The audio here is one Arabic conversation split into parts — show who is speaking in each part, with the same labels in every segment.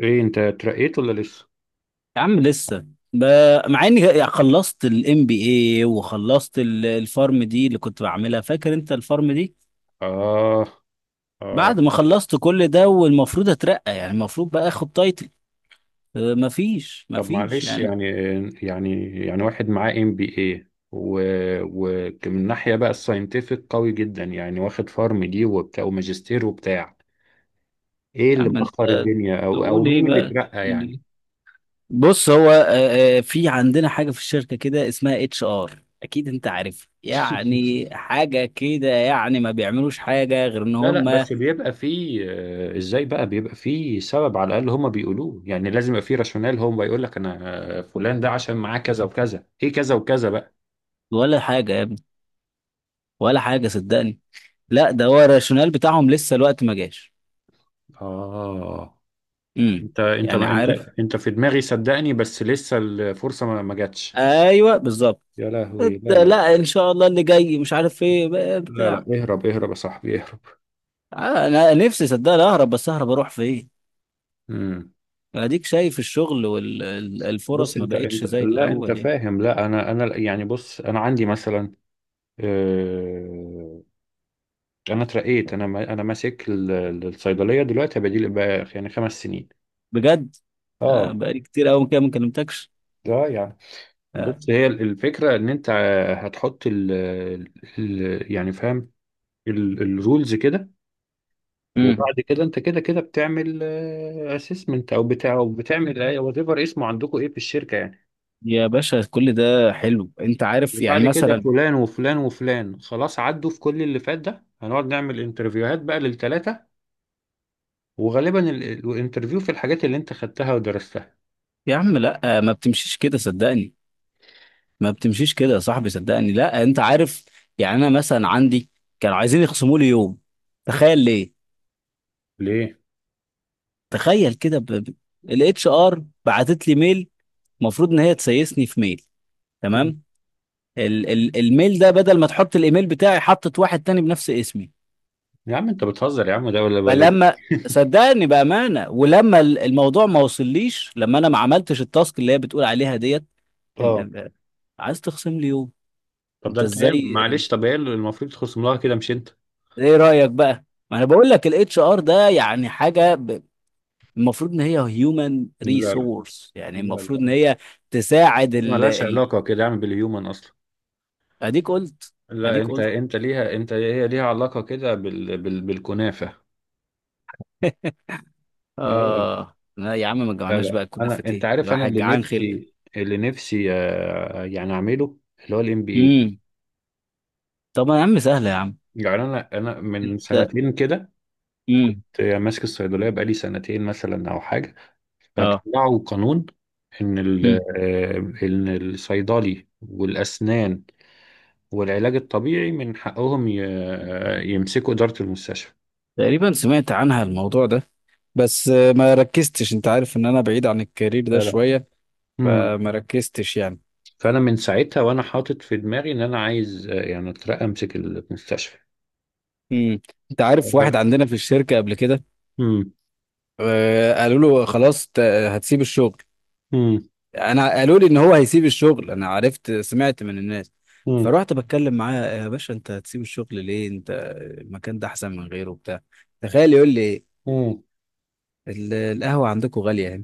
Speaker 1: ايه انت اترقيت ولا لسه؟
Speaker 2: يا عم لسه مع اني يعني خلصت الام بي اي وخلصت الفارم دي اللي كنت بعملها، فاكر انت الفارم دي؟
Speaker 1: آه، آه.
Speaker 2: بعد ما خلصت كل ده والمفروض اترقى، يعني المفروض بقى اخد تايتل. مفيش
Speaker 1: طب
Speaker 2: مفيش
Speaker 1: معلش
Speaker 2: يعني.
Speaker 1: يعني. يعني واحد معاه MBA ومن ناحية بقى الساينتفك قوي جدا يعني واخد فارم دي وبتاع وماجستير وبتاع. ايه
Speaker 2: يا
Speaker 1: اللي
Speaker 2: عم
Speaker 1: مأخر
Speaker 2: انت
Speaker 1: الدنيا او
Speaker 2: تقول ايه
Speaker 1: مين اللي
Speaker 2: بقى
Speaker 1: اترقى
Speaker 2: تقول
Speaker 1: يعني؟
Speaker 2: ايه؟ بص هو في عندنا حاجة في الشركة كده اسمها اتش ار، اكيد انت عارف يعني حاجة كده، يعني ما بيعملوش حاجة غير ان
Speaker 1: لا لا،
Speaker 2: هم.
Speaker 1: بس بيبقى فيه، ازاي بقى بيبقى فيه سبب على الاقل هما بيقولوه. يعني لازم يبقى فيه راشونال. هو بيقول لك: انا فلان ده عشان معاه كذا وكذا، ايه كذا وكذا بقى.
Speaker 2: ولا حاجة يا ابني، ولا حاجة صدقني. لا ده هو الراشونال بتاعهم، لسه الوقت ما جاش.
Speaker 1: اه.
Speaker 2: امم
Speaker 1: انت انت
Speaker 2: يعني
Speaker 1: انت
Speaker 2: عارف.
Speaker 1: انت في دماغي صدقني، بس لسه الفرصة ما جاتش.
Speaker 2: ايوه بالظبط.
Speaker 1: يا
Speaker 2: إت-
Speaker 1: لهوي، لا لا.
Speaker 2: لا ان شاء الله اللي جاي مش عارف ايه بقى
Speaker 1: لا لا،
Speaker 2: بتاع.
Speaker 1: اهرب اهرب يا صاحبي، اهرب.
Speaker 2: انا نفسي صدقني اهرب، بس اهرب اروح فين؟
Speaker 1: امم.
Speaker 2: اديك شايف الشغل
Speaker 1: بص،
Speaker 2: والفرص ما
Speaker 1: انت
Speaker 2: بقتش
Speaker 1: انت
Speaker 2: زي
Speaker 1: لا انت
Speaker 2: الاول يعني.
Speaker 1: فاهم، لا انا يعني بص انا عندي مثلا آه، انا اترقيت. انا انا ماسك الصيدليه دلوقتي بديل بقى، يعني 5 سنين.
Speaker 2: بجد؟
Speaker 1: اه.
Speaker 2: بقالي كتير قوي كده ما كلمتكش.
Speaker 1: ده يعني،
Speaker 2: آه،
Speaker 1: بص هي الفكره ان انت هتحط ال ال- يعني فاهم الرولز كده.
Speaker 2: امم
Speaker 1: وبعد كده انت كده كده بتعمل اسسمنت او بتاع، او بتعمل وات ايفر اسمه عندكم ايه في الشركه يعني.
Speaker 2: يا باشا كل ده حلو، انت عارف يعني
Speaker 1: وبعد كده
Speaker 2: مثلا.
Speaker 1: فلان وفلان وفلان خلاص عدوا في كل اللي فات ده، هنقعد نعمل انترفيوهات بقى للثلاثه. وغالبا الانترفيو في الحاجات اللي انت خدتها ودرستها.
Speaker 2: يا عم لا، ما بتمشيش كده صدقني. ما بتمشيش كده يا صاحبي صدقني. لا انت عارف. يعني انا مثلا عندي، كانوا عايزين يخصموا لي يوم. تخيل ليه.
Speaker 1: ليه؟
Speaker 2: تخيل كده الاتش ار بعتت لي ميل، المفروض ان هي تسيسني في ميل. تمام. الميل ده بدل ما تحط الايميل بتاعي حطت واحد تاني بنفس اسمي.
Speaker 1: يا عم انت بتهزر، يا عم ده ولا.
Speaker 2: فلما صدقني بامانه، ولما الموضوع ما وصليش، لما انا ما عملتش التاسك اللي هي بتقول عليها ديت.
Speaker 1: اه.
Speaker 2: ال... عايز تخصم لي يوم؟
Speaker 1: طب ده
Speaker 2: انت
Speaker 1: انت ايه؟
Speaker 2: ازاي؟
Speaker 1: معلش طب ايه اللي المفروض تخصم لها كده، مش انت؟
Speaker 2: ايه رأيك بقى؟ ما انا بقول لك الاتش ار ده يعني حاجة المفروض ان هي هيومن
Speaker 1: لا لا.
Speaker 2: ريسورس، يعني
Speaker 1: لا
Speaker 2: المفروض ان
Speaker 1: لا.
Speaker 2: هي تساعد
Speaker 1: هي ملهاش علاقه كده يا عم بالهيومن اصلا.
Speaker 2: اديك قلت.
Speaker 1: لا،
Speaker 2: اديك
Speaker 1: انت
Speaker 2: قلت.
Speaker 1: انت ليها، انت هي ليها علاقة كده بالكنافة. اه
Speaker 2: اه لا يا عم، ما
Speaker 1: لا
Speaker 2: جمعناش
Speaker 1: لا،
Speaker 2: بقى
Speaker 1: انا
Speaker 2: كنافة،
Speaker 1: انت
Speaker 2: ايه
Speaker 1: عارف، انا
Speaker 2: الواحد
Speaker 1: اللي
Speaker 2: جعان خلق.
Speaker 1: نفسي اللي نفسي يعني اعمله، اللي هو الام بي اي.
Speaker 2: امم طب يا عم سهلة يا عم.
Speaker 1: يعني انا من
Speaker 2: انت.
Speaker 1: سنتين كده
Speaker 2: امم
Speaker 1: كنت ماسك الصيدلية بقالي سنتين مثلا او حاجة،
Speaker 2: اه.
Speaker 1: فطلعوا قانون ان ال...
Speaker 2: امم
Speaker 1: آه، ان الصيدلي والاسنان والعلاج الطبيعي من حقهم ي... آه، يمسكوا إدارة المستشفى.
Speaker 2: تقريبا سمعت عنها الموضوع ده، بس ما ركزتش، انت عارف ان انا بعيد عن الكارير ده.
Speaker 1: لا لا. مم.
Speaker 2: ف- يعني.
Speaker 1: فانا من ساعتها وانا حاطط في دماغي ان انا عايز يعني اترقى، امسك المستشفى.
Speaker 2: امم انت عارف واحد عندنا في الشركة قبل كده،
Speaker 1: امم،
Speaker 2: قالوا له خلاص هتسيب الشغل.
Speaker 1: امم،
Speaker 2: انا قالوا لي ان هو هيسيب الشغل، انا عرفت سمعت من الناس.
Speaker 1: امم،
Speaker 2: فروحت بتكلم معاه: يا باشا انت هتسيب الشغل ليه؟ انت المكان ده احسن من غيره وبتاع. تخيل يقول لي إيه؟
Speaker 1: امم.
Speaker 2: القهوة عندكم غالية هنا.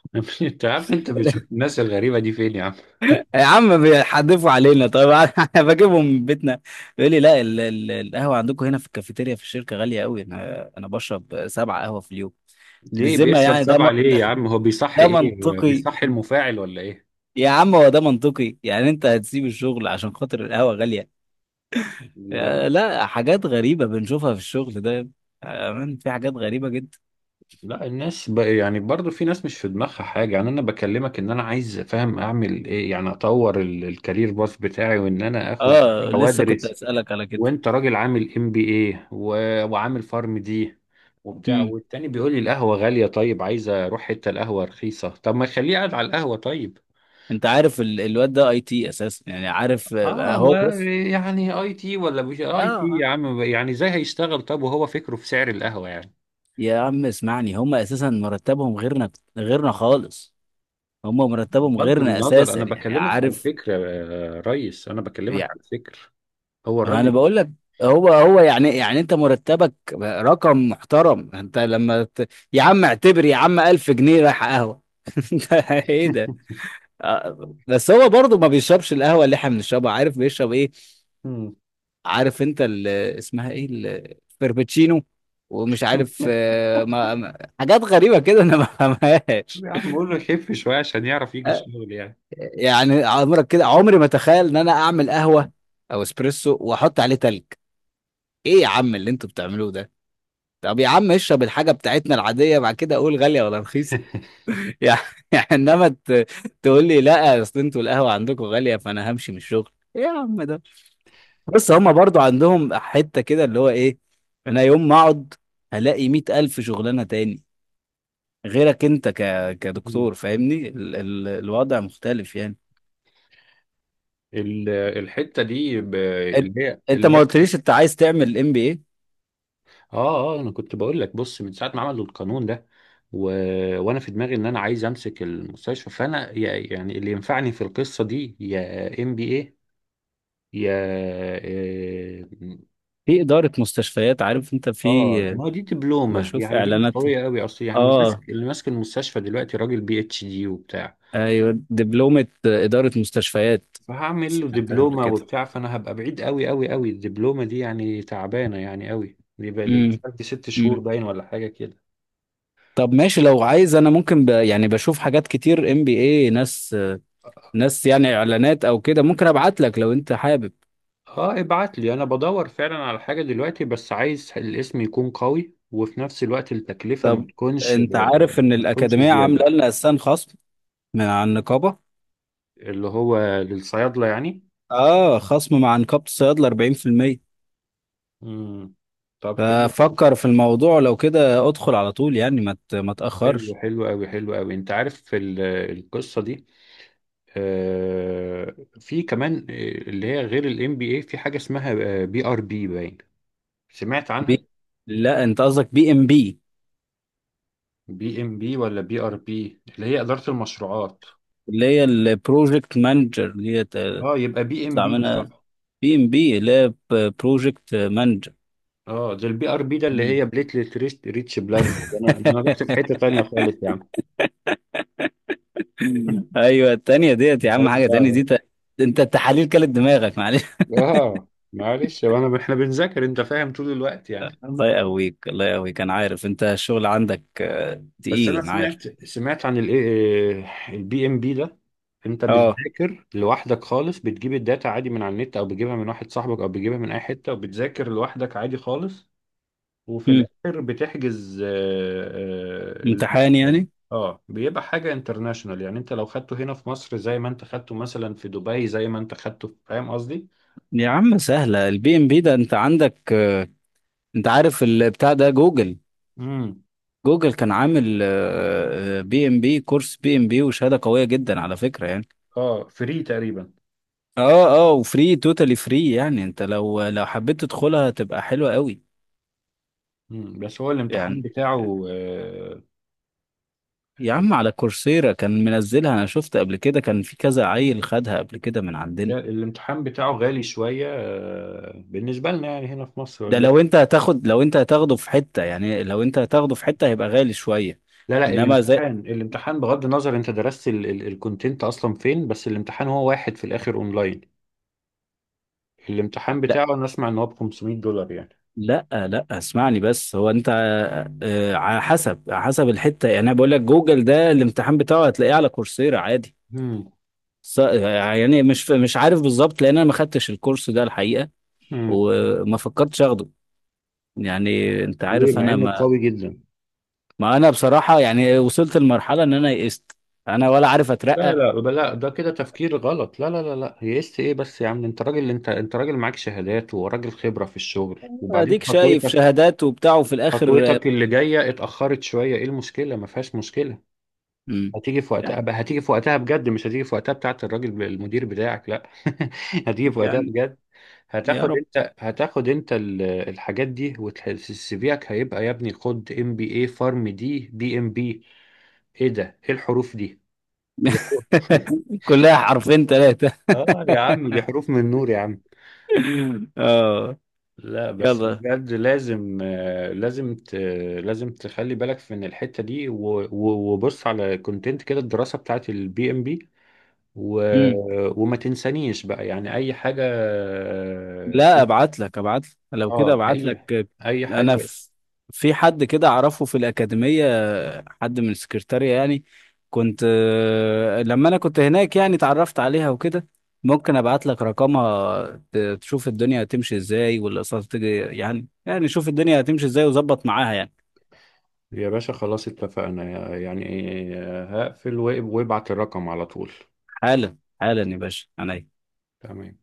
Speaker 1: انت يا عم، انت بتشوف الناس الغريبه دي فين يا عم؟
Speaker 2: يا عم بيحدفوا علينا طيب. انا بجيبهم من بيتنا. يقول لي لا، القهوة عندكم هنا في الكافيتيريا في الشركة غالية قوي، انا بشرب سبعة قهوة في اليوم.
Speaker 1: ليه
Speaker 2: بالذمة
Speaker 1: بيشرب
Speaker 2: يعني
Speaker 1: 7؟
Speaker 2: ده،
Speaker 1: ليه يا عم؟ هو بيصحي
Speaker 2: ده
Speaker 1: ايه،
Speaker 2: منطقي؟
Speaker 1: بيصحي المفاعل ولا ايه؟
Speaker 2: يا عم هو ده منطقي يعني انت هتسيب الشغل عشان خاطر القهوة غالية؟
Speaker 1: لا
Speaker 2: لا حاجات غريبة بنشوفها في الشغل ده. من في حاجات غريبة جدا.
Speaker 1: لا. الناس يعني برضو في ناس مش في دماغها حاجه. يعني انا بكلمك ان انا عايز فاهم اعمل ايه، يعني اطور الكارير باث بتاعي وان انا اخد
Speaker 2: اه لسه كنت
Speaker 1: وادرس،
Speaker 2: اسألك على كده.
Speaker 1: وانت راجل عامل MBA وعامل فارم دي وبتاع،
Speaker 2: مم.
Speaker 1: والتاني بيقول لي القهوة غالية. طيب عايز اروح حتة القهوة رخيصة، طب ما خليه قاعد على القهوة طيب.
Speaker 2: انت عارف الواد ده اي تي اساسا، يعني عارف.
Speaker 1: اه
Speaker 2: هو
Speaker 1: ما
Speaker 2: بص.
Speaker 1: يعني IT ولا مش IT
Speaker 2: اه
Speaker 1: يا عم، يعني ازاي هيشتغل طب وهو فكره في سعر القهوة يعني؟
Speaker 2: يا عم اسمعني، هم اساسا مرتبهم غيرنا، غيرنا خالص. هم مرتبهم
Speaker 1: بغض
Speaker 2: غيرنا
Speaker 1: النظر،
Speaker 2: اساسا
Speaker 1: انا
Speaker 2: يعني
Speaker 1: بكلمك عن
Speaker 2: عارف.
Speaker 1: فكرة يا ريس، انا بكلمك عن فكر. هو
Speaker 2: انا
Speaker 1: الراجل.
Speaker 2: بقول لك هو هو يعني، يعني انت مرتبك رقم محترم. انت لما يا عم اعتبر يا عم 1000 جنيه رايح قهوه. انت ايه ده. بس هو برضه ما بيشربش القهوه اللي احنا بنشربها، عارف بيشرب ايه؟ عارف انت اسمها ايه الفربتشينو ومش عارف. حاجات غريبه كده انا ما فهمهاش.
Speaker 1: يا عم قول له خف شوية عشان يعرف يجي
Speaker 2: آه،
Speaker 1: الشغل يعني.
Speaker 2: يعني عمرك كده، عمري ما تخيل ان انا اعمل قهوه او اسبريسو واحط عليه تلج. ايه يا عم اللي انتوا بتعملوه ده؟ طب يا عم اشرب الحاجة بتاعتنا العادية بعد كده اقول غالية ولا رخيصة. يعني. يعني انما ت- تقول لي لا اصل انتوا القهوة عندكم غالية فانا همشي من الشغل. ايه يا عم ده. بس هما برضو عندهم حتة كده اللي هو ايه. انا يوم ما اقعد هلاقي مية الف شغلانة تاني. غيرك انت كدكتور فاهمني، الوضع مختلف يعني.
Speaker 1: ال- الحتة دي ب-
Speaker 2: انت
Speaker 1: اللي هي
Speaker 2: انت
Speaker 1: اللي
Speaker 2: ما
Speaker 1: هي
Speaker 2: قلتليش انت عايز تعمل ام بي ايه؟
Speaker 1: اه اه، انا كنت بقول لك، بص من ساعه ما عملوا القانون ده و... وانا في دماغي ان انا عايز امسك المستشفى، فانا يعني اللي ينفعني في القصه دي يا MBA، يا
Speaker 2: في ادارة مستشفيات، عارف انت في،
Speaker 1: اه ما هو دي دبلومه،
Speaker 2: بشوف
Speaker 1: يعني دي مش
Speaker 2: اعلانات.
Speaker 1: قويه قوي اصل. يعني اللي
Speaker 2: اه،
Speaker 1: ماسك اللي ماسك المستشفى دلوقتي راجل PhD وبتاع.
Speaker 2: ايوه دبلومة إدارة مستشفيات،
Speaker 1: فهعمل له
Speaker 2: سمعتها قبل
Speaker 1: دبلومه
Speaker 2: كده.
Speaker 1: وبتاع، فانا هبقى بعيد قوي قوي قوي. الدبلومه دي يعني تعبانه يعني قوي دي بقى،
Speaker 2: امم
Speaker 1: دي 6 شهور
Speaker 2: امم
Speaker 1: باين ولا حاجه كده.
Speaker 2: طب ماشي لو عايز انا ممكن يعني بشوف حاجات كتير ام بي اي، ناس يعني اعلانات او كده، ممكن ابعت لك لو انت حابب.
Speaker 1: اه ابعت لي، انا بدور فعلا على حاجة دلوقتي، بس عايز الاسم يكون قوي وفي نفس الوقت التكلفة ما
Speaker 2: طب
Speaker 1: تكونش
Speaker 2: انت عارف ان
Speaker 1: ما تكونش
Speaker 2: الاكاديمية
Speaker 1: زيادة.
Speaker 2: عاملة لنا اساسا خصم من على النقابة.
Speaker 1: اللي هو للصيادلة يعني.
Speaker 2: اه خصم مع نقابة الصيادلة 40%.
Speaker 1: امم. طب حلو،
Speaker 2: ففكر في الموضوع لو كده ادخل على طول، يعني ما
Speaker 1: حلو،
Speaker 2: تاخرش.
Speaker 1: حلو قوي، حلو قوي. انت عارف في القصة دي في كمان، اللي هي غير الام بي اي، في حاجة اسمها PRP باين. سمعت
Speaker 2: بي...
Speaker 1: عنها؟
Speaker 2: لا انت قصدك بي ام بي
Speaker 1: PMP ولا PRP اللي هي إدارة المشروعات؟
Speaker 2: اللي هي البروجكت مانجر دي؟
Speaker 1: اه يبقى بي ام
Speaker 2: اطلع
Speaker 1: بي
Speaker 2: منها.
Speaker 1: صح.
Speaker 2: بي ام بي اللي هي بروجكت مانجر.
Speaker 1: اه، ده البي ار بي ده اللي هي بليتلت ريست ريتش بلازما، انا رحت في حته تانية خالص يا عم.
Speaker 2: ايوه التانية ديت يا عم،
Speaker 1: ماليش
Speaker 2: حاجة تانية
Speaker 1: دعوه.
Speaker 2: دي انت التحاليل كلت دماغك معلش.
Speaker 1: اه معلش، هو انا احنا بنذاكر انت فاهم طول الوقت يعني.
Speaker 2: الله يقويك، الله يقويك، انا عارف انت الشغل عندك
Speaker 1: بس
Speaker 2: تقيل،
Speaker 1: انا
Speaker 2: انا عارف.
Speaker 1: سمعت عن البي ام بي ده، انت
Speaker 2: اه.
Speaker 1: بتذاكر لوحدك خالص. بتجيب الداتا عادي من على النت او بتجيبها من واحد صاحبك او بتجيبها من اي حته، وبتذاكر لوحدك عادي خالص، وفي
Speaker 2: مم.
Speaker 1: الاخر بتحجز
Speaker 2: امتحان
Speaker 1: المكان.
Speaker 2: يعني.
Speaker 1: اه بيبقى حاجه انترناشونال، يعني انت لو خدته هنا في مصر زي ما انت خدته مثلا في دبي، زي ما انت خدته فاهم قصدي.
Speaker 2: يا عم سهلة البي ام بي ده، انت عندك انت عارف البتاع ده جوجل.
Speaker 1: امم.
Speaker 2: جوجل كان عامل بي ام بي، كورس بي ام بي، وشهادة قوية جدا على فكرة يعني.
Speaker 1: اه فري تقريبا.
Speaker 2: اه وفري، توتالي فري، يعني انت لو حبيت تدخلها تبقى حلوة قوي.
Speaker 1: امم. بس هو الامتحان
Speaker 2: يعني
Speaker 1: بتاعه
Speaker 2: يا عم على كورسيرا كان منزلها، انا شفت قبل كده كان في كذا عيل خدها قبل كده من عندنا.
Speaker 1: الامتحان بتاعه غالي شويه بالنسبه لنا، يعني هنا في مصر
Speaker 2: ده
Speaker 1: ولا
Speaker 2: لو
Speaker 1: إيه؟
Speaker 2: انت هتاخد، لو انت هتاخده في حتة، يعني لو انت هتاخده في حتة هيبقى غالي شوية.
Speaker 1: لا لا،
Speaker 2: انما زي.
Speaker 1: الامتحان بغض النظر انت درست الكونتنت اصلا فين، بس الامتحان هو واحد في الاخر اونلاين. الامتحان
Speaker 2: لا
Speaker 1: بتاعه انا اسمع ان هو ب $500 يعني.
Speaker 2: اسمعني بس هو انت على حسب، على حسب الحتة يعني. انا بقول لك جوجل ده الامتحان بتاعه هتلاقيه على كورسيرا عادي.
Speaker 1: مم.
Speaker 2: يعني مش عارف بالظبط، لان انا ما خدتش الكورس ده الحقيقة
Speaker 1: مم.
Speaker 2: وما فكرتش اخده. يعني انت
Speaker 1: ليه
Speaker 2: عارف
Speaker 1: مع
Speaker 2: انا
Speaker 1: انه
Speaker 2: ما
Speaker 1: قوي جدا؟
Speaker 2: ما انا بصراحة يعني وصلت لمرحلة ان انا يئست. انا ولا عارف
Speaker 1: لا
Speaker 2: اترقى.
Speaker 1: لا، لا ده كده تفكير غلط. لا لا لا لا، يئست ايه بس يا عم؟ انت راجل، انت راجل معاك شهادات وراجل خبرة في الشغل، وبعدين
Speaker 2: اديك شايف
Speaker 1: خطوتك
Speaker 2: شهادات وبتاع وفي الاخر.
Speaker 1: خطوتك اللي جاية اتأخرت شوية. ايه المشكلة؟ ما فيهاش مشكلة،
Speaker 2: مم.
Speaker 1: هتيجي في وقتها بقى. هتيجي في وقتها بجد، مش هتيجي في وقتها بتاعت الراجل، المدير بتاعك لا. هتيجي في وقتها
Speaker 2: يعني.
Speaker 1: بجد.
Speaker 2: يا
Speaker 1: هتاخد
Speaker 2: رب.
Speaker 1: انت هتاخد انت الحاجات دي، والسي فيك هيبقى يا ابني: خد MBA، فارم دي، PMP. ايه ده؟ ايه الحروف دي؟ دي حروف.
Speaker 2: كلها حرفين ثلاثة.
Speaker 1: اه يا عم دي حروف من نور يا عم.
Speaker 2: اه.
Speaker 1: لا بس
Speaker 2: يلا.
Speaker 1: بجد لازم، لازم تخلي بالك من الحتة دي، وبص على كونتنت كده الدراسة بتاعت البي ام بي، و...
Speaker 2: مم.
Speaker 1: وما تنسانيش بقى يعني اي حاجة.
Speaker 2: لا ابعت لك، ابعت لك لو كده
Speaker 1: اه،
Speaker 2: ابعت لك.
Speaker 1: اي
Speaker 2: انا
Speaker 1: حاجة.
Speaker 2: في، في حد كده اعرفه في الأكاديمية، حد من السكرتارية يعني. كنت لما انا كنت هناك يعني اتعرفت عليها وكده، ممكن ابعت لك رقمها. تشوف الدنيا هتمشي ازاي والاقساط تجي، يعني يعني شوف الدنيا هتمشي ازاي وظبط معاها يعني.
Speaker 1: يا باشا خلاص اتفقنا يعني. هقفل وابعت الرقم على طول.
Speaker 2: حالا، حالا يا باشا عينيا.
Speaker 1: تمام.